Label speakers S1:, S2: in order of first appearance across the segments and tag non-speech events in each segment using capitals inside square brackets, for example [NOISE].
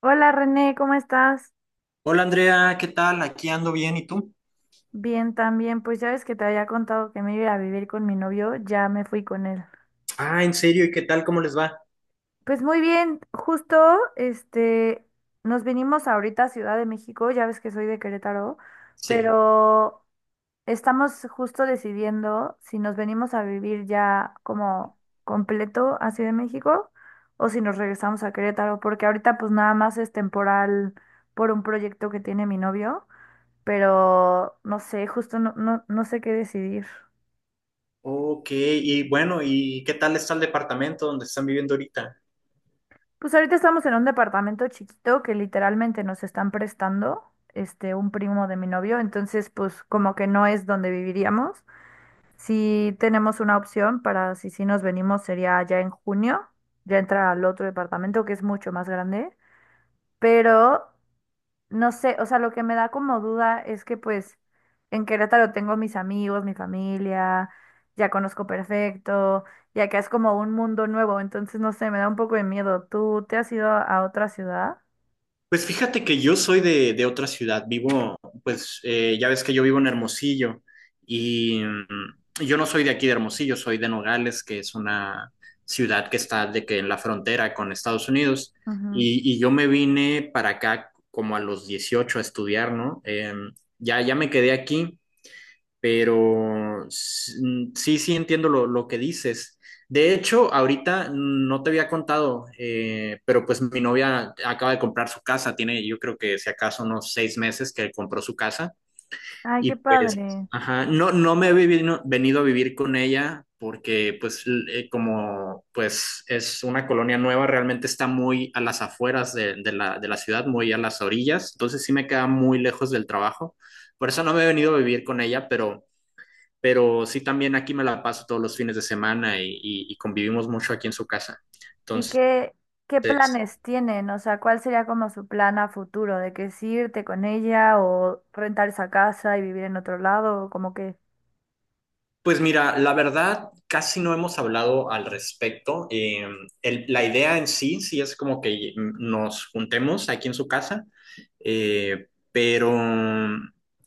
S1: Hola René, ¿cómo estás?
S2: Hola Andrea, ¿qué tal? Aquí ando bien, ¿y tú?
S1: Bien, también. Pues ya ves que te había contado que me iba a ir a vivir con mi novio, ya me fui con él.
S2: Ah, ¿en serio? ¿Y qué tal? ¿Cómo les va?
S1: Pues muy bien, justo este nos vinimos ahorita a Ciudad de México, ya ves que soy de Querétaro,
S2: Sí.
S1: pero estamos justo decidiendo si nos venimos a vivir ya como completo a Ciudad de México o si nos regresamos a Querétaro, porque ahorita pues nada más es temporal por un proyecto que tiene mi novio. Pero no sé, justo no sé qué decidir.
S2: Ok, y bueno, ¿y qué tal está el departamento donde están viviendo ahorita?
S1: Pues ahorita estamos en un departamento chiquito que literalmente nos están prestando, un primo de mi novio, entonces pues como que no es donde viviríamos. Si tenemos una opción para si sí nos venimos, sería ya en junio, ya entrar al otro departamento que es mucho más grande, pero no sé, o sea, lo que me da como duda es que pues en Querétaro tengo mis amigos, mi familia, ya conozco perfecto, y acá es como un mundo nuevo, entonces no sé, me da un poco de miedo. ¿Tú te has ido a otra ciudad?
S2: Pues fíjate que yo soy de otra ciudad, vivo, pues ya ves que yo vivo en Hermosillo y yo no soy de aquí de Hermosillo, soy de Nogales, que es una ciudad que está de que en la frontera con Estados Unidos
S1: Ujú.
S2: y, yo me vine para acá como a los 18 a estudiar, ¿no? Ya me quedé aquí pero sí, sí entiendo lo que dices. De hecho, ahorita no te había contado, pero pues mi novia acaba de comprar su casa, tiene yo creo que si acaso unos 6 meses que compró su casa
S1: Ay,
S2: y
S1: qué
S2: pues,
S1: padre.
S2: ajá, no, no me he venido a vivir con ella porque pues como pues es una colonia nueva, realmente está muy a las afueras de la ciudad, muy a las orillas, entonces sí me queda muy lejos del trabajo, por eso no me he venido a vivir con ella, pero sí también aquí me la paso todos los fines de semana y, y convivimos mucho aquí en su casa.
S1: ¿Y
S2: Entonces,
S1: qué, qué planes tienen? O sea, ¿cuál sería como su plan a futuro? ¿De que es irte con ella o rentar esa casa y vivir en otro lado? ¿O como que
S2: pues mira, la verdad, casi no hemos hablado al respecto. La idea en sí, sí es como que nos juntemos aquí en su casa, pero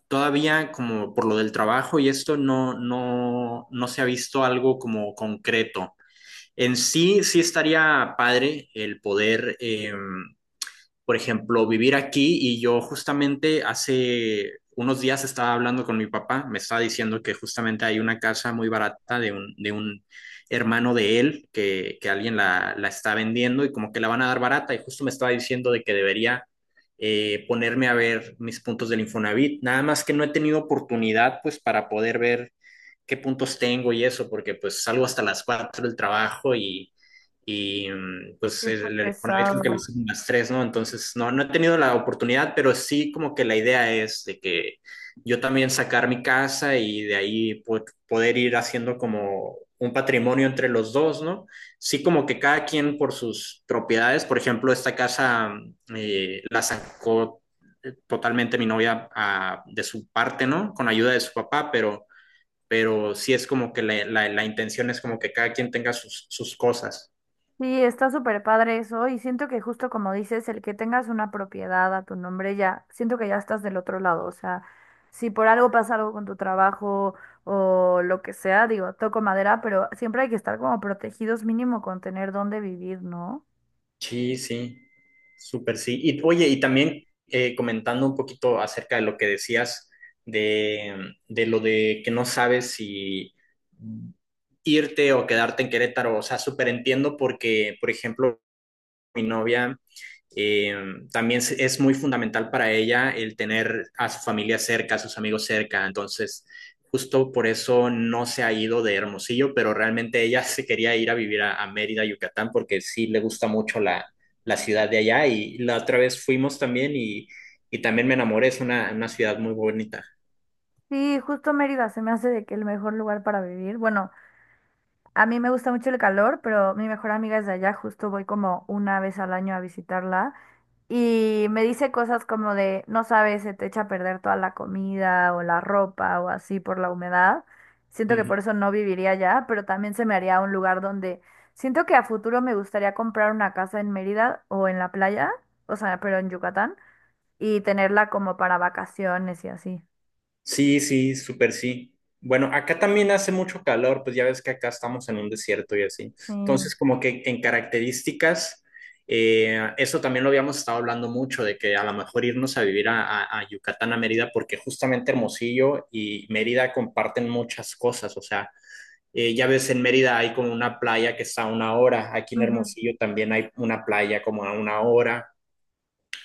S2: todavía como por lo del trabajo y esto no se ha visto algo como concreto. En sí, sí estaría padre el poder, por ejemplo, vivir aquí. Y yo justamente hace unos días estaba hablando con mi papá, me estaba diciendo que justamente hay una casa muy barata de un hermano de él que alguien la está vendiendo y como que la van a dar barata. Y justo me estaba diciendo de que debería ponerme a ver mis puntos del Infonavit, nada más que no he tenido oportunidad pues para poder ver qué puntos tengo y eso, porque pues salgo hasta las 4 del trabajo. Pues
S1: está
S2: el Infonavit creo que lo
S1: pesado?
S2: hacen las 3, ¿no? Entonces, no, no he tenido la oportunidad, pero sí como que la idea es de que yo también sacar mi casa y de ahí poder ir haciendo como un patrimonio entre los dos, ¿no? Sí, como que cada quien por sus propiedades. Por ejemplo, esta casa la sacó totalmente mi novia, de su parte, ¿no? Con ayuda de su papá, pero sí es como que la intención es como que cada quien tenga sus cosas.
S1: Sí, está súper padre eso y siento que justo como dices, el que tengas una propiedad a tu nombre ya, siento que ya estás del otro lado, o sea, si por algo pasa algo con tu trabajo o lo que sea, digo, toco madera, pero siempre hay que estar como protegidos mínimo con tener dónde vivir, ¿no?
S2: Sí, sí, súper sí. Y oye, y también comentando un poquito acerca de lo que decías de, de lo de que no sabes si irte o quedarte en Querétaro, o sea, súper entiendo porque, por ejemplo, mi novia eh, también es muy fundamental para ella el tener a su familia cerca, a sus amigos cerca. Entonces, justo por eso no se ha ido de Hermosillo, pero realmente ella se quería ir a vivir a Mérida, Yucatán, porque sí le gusta mucho la ciudad de allá. Y la otra vez fuimos también y también me enamoré. Es una ciudad muy bonita.
S1: Sí, justo Mérida se me hace de que el mejor lugar para vivir. Bueno, a mí me gusta mucho el calor, pero mi mejor amiga es de allá, justo voy como una vez al año a visitarla. Y me dice cosas como de, no sabes, se te echa a perder toda la comida o la ropa o así por la humedad. Siento que por eso no viviría allá, pero también se me haría un lugar donde siento que a futuro me gustaría comprar una casa en Mérida o en la playa, o sea, pero en Yucatán, y tenerla como para vacaciones y así.
S2: Sí, sí, súper sí. Bueno, acá también hace mucho calor, pues ya ves que acá estamos en un desierto y así.
S1: Sí.
S2: Entonces, como que en características, eso también lo habíamos estado hablando mucho, de que a lo mejor irnos a vivir a Yucatán, a Mérida, porque justamente Hermosillo y Mérida comparten muchas cosas. O sea, ya ves, en Mérida hay como una playa que está a una hora, aquí en
S1: Ujú.
S2: Hermosillo también hay una playa como a una hora.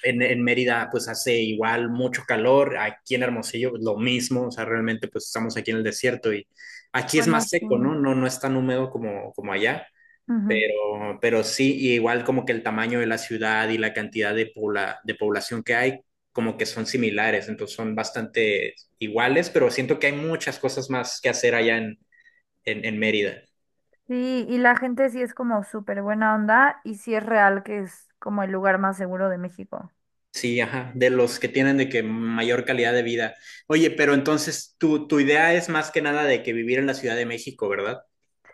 S2: Mérida pues hace igual mucho calor, aquí en Hermosillo pues, lo mismo, o sea, realmente pues estamos aquí en el desierto y aquí es
S1: Bueno,
S2: más
S1: sí.
S2: seco, ¿no? No, no es tan húmedo como allá,
S1: Ujú.
S2: pero sí. Y igual como que el tamaño de la ciudad y la cantidad de población que hay como que son similares, entonces son bastante iguales, pero siento que hay muchas cosas más que hacer allá en Mérida.
S1: Sí, y la gente sí es como súper buena onda y sí es real que es como el lugar más seguro de México.
S2: Sí, ajá, de los que tienen de que mayor calidad de vida. Oye, pero entonces tu idea es más que nada de que vivir en la Ciudad de México, ¿verdad?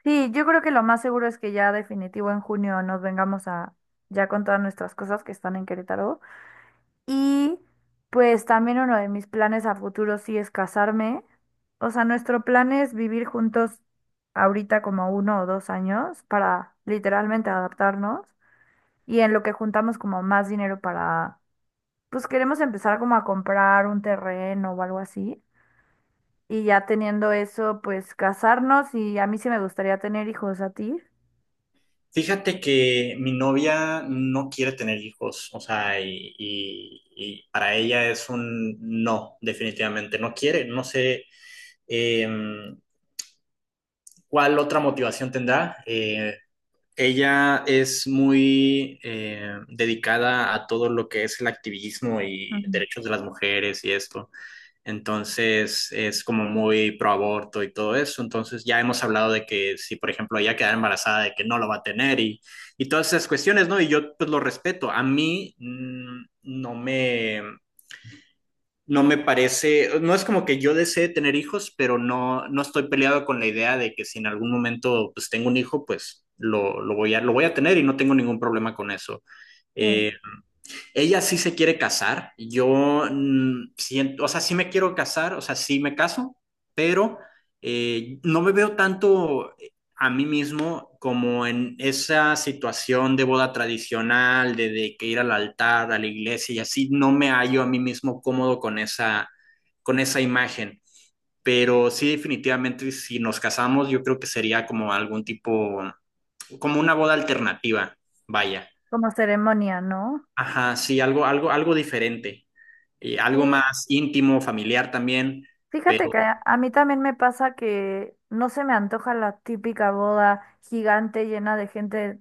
S1: Sí, yo creo que lo más seguro es que ya definitivo en junio nos vengamos a ya con todas nuestras cosas que están en Querétaro. Y pues también uno de mis planes a futuro sí es casarme. O sea, nuestro plan es vivir juntos ahorita como uno o dos años para literalmente adaptarnos y en lo que juntamos como más dinero para, pues queremos empezar como a comprar un terreno o algo así. Y ya teniendo eso, pues casarnos y a mí sí me gustaría tener hijos, ¿a ti?
S2: Fíjate que mi novia no quiere tener hijos, o sea, y, y para ella es un no, definitivamente, no quiere, no sé eh, cuál otra motivación tendrá. Ella es muy dedicada a todo lo que es el activismo y
S1: Ujú.
S2: derechos de las mujeres y esto. Entonces es como muy pro aborto y todo eso. Entonces ya hemos hablado de que si, por ejemplo, ella queda embarazada, de que no lo va a tener y todas esas cuestiones, ¿no? Y yo pues lo respeto. A mí no me parece, no es como que yo desee tener hijos, pero no, no estoy peleado con la idea de que si en algún momento pues tengo un hijo, pues lo voy lo voy a tener y no tengo ningún problema con eso.
S1: Sí.
S2: Eh, Ella sí se quiere casar. Yo siento, o sea, sí me quiero casar, o sea, sí me caso, pero no me veo tanto a mí mismo como en esa situación de boda tradicional, de que ir al altar, a la iglesia y así. No me hallo a mí mismo cómodo con esa imagen. Pero sí, definitivamente, si nos casamos, yo creo que sería como algún tipo, como una boda alternativa, vaya.
S1: ¿Como ceremonia, no?
S2: Ajá, sí, algo diferente,
S1: Sí,
S2: algo más íntimo, familiar también,
S1: fíjate
S2: pero
S1: que a mí también me pasa que no se me antoja la típica boda gigante llena de gente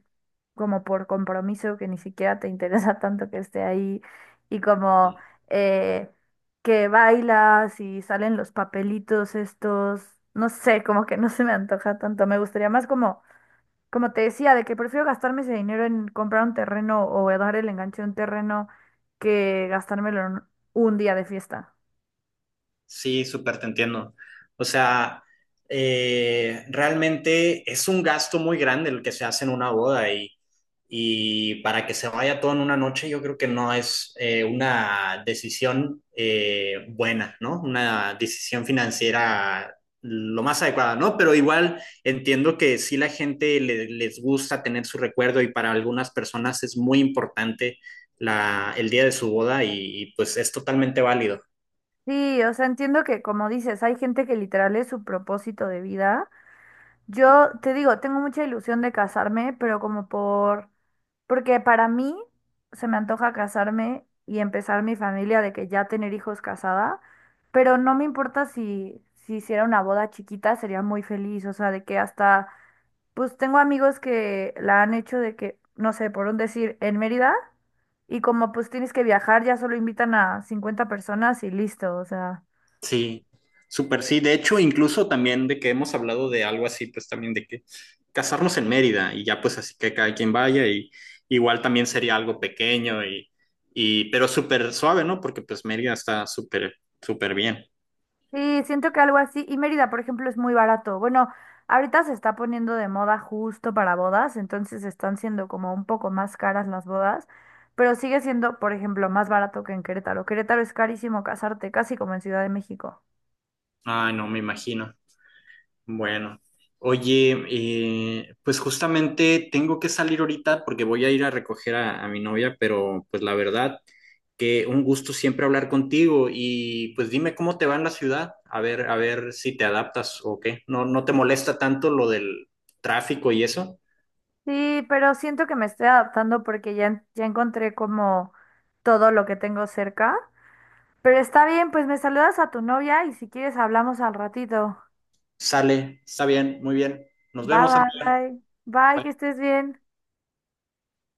S1: como por compromiso que ni siquiera te interesa [LAUGHS] tanto que esté ahí y como
S2: eh,
S1: eh, que bailas y salen los papelitos estos, no sé, como que no se me antoja tanto, me gustaría más como, como te decía, de que prefiero gastarme ese dinero en comprar un terreno o dar el enganche de un terreno que gastármelo en un día de fiesta.
S2: sí, súper te entiendo. O sea, realmente es un gasto muy grande el que se hace en una boda y para que se vaya todo en una noche, yo creo que no es una decisión buena, ¿no? Una decisión financiera lo más adecuada, ¿no? Pero igual entiendo que sí la gente les gusta tener su recuerdo y para algunas personas es muy importante el día de su boda y pues es totalmente válido.
S1: Sí, o sea, entiendo que como dices, hay gente que literal es su propósito de vida. Yo te digo, tengo mucha ilusión de casarme, pero porque para mí se me antoja casarme y empezar mi familia de que ya tener hijos casada, pero no me importa si, si hiciera una boda chiquita, sería muy feliz, o sea, de que hasta pues tengo amigos que la han hecho de que, no sé, por un decir, en Mérida, y como pues tienes que viajar, ya solo invitan a 50 personas y listo, o sea.
S2: Sí, súper sí. De hecho, incluso también de que hemos hablado de algo así, pues también de que casarnos en Mérida y ya pues así que cada quien vaya. Y igual también sería algo pequeño y pero súper suave, ¿no? Porque pues Mérida está súper, súper bien.
S1: Sí, siento que algo así, y Mérida, por ejemplo, es muy barato. Bueno, ahorita se está poniendo de moda justo para bodas, entonces están siendo como un poco más caras las bodas, pero sigue siendo, por ejemplo, más barato que en Querétaro. Querétaro es carísimo casarte, casi como en Ciudad de México.
S2: Ay, no, me imagino. Bueno, oye, pues justamente tengo que salir ahorita porque voy a ir a recoger a mi novia, pero pues la verdad que un gusto siempre hablar contigo y pues dime cómo te va en la ciudad, a ver si te adaptas o qué. No, no te molesta tanto lo del tráfico y eso.
S1: Sí, pero siento que me estoy adaptando porque ya, ya encontré como todo lo que tengo cerca. Pero está bien, pues me saludas a tu novia y si quieres hablamos al ratito.
S2: Sale, está bien, muy bien. Nos vemos,
S1: Bye,
S2: Andrea.
S1: bye. Bye, que
S2: Bye.
S1: estés bien.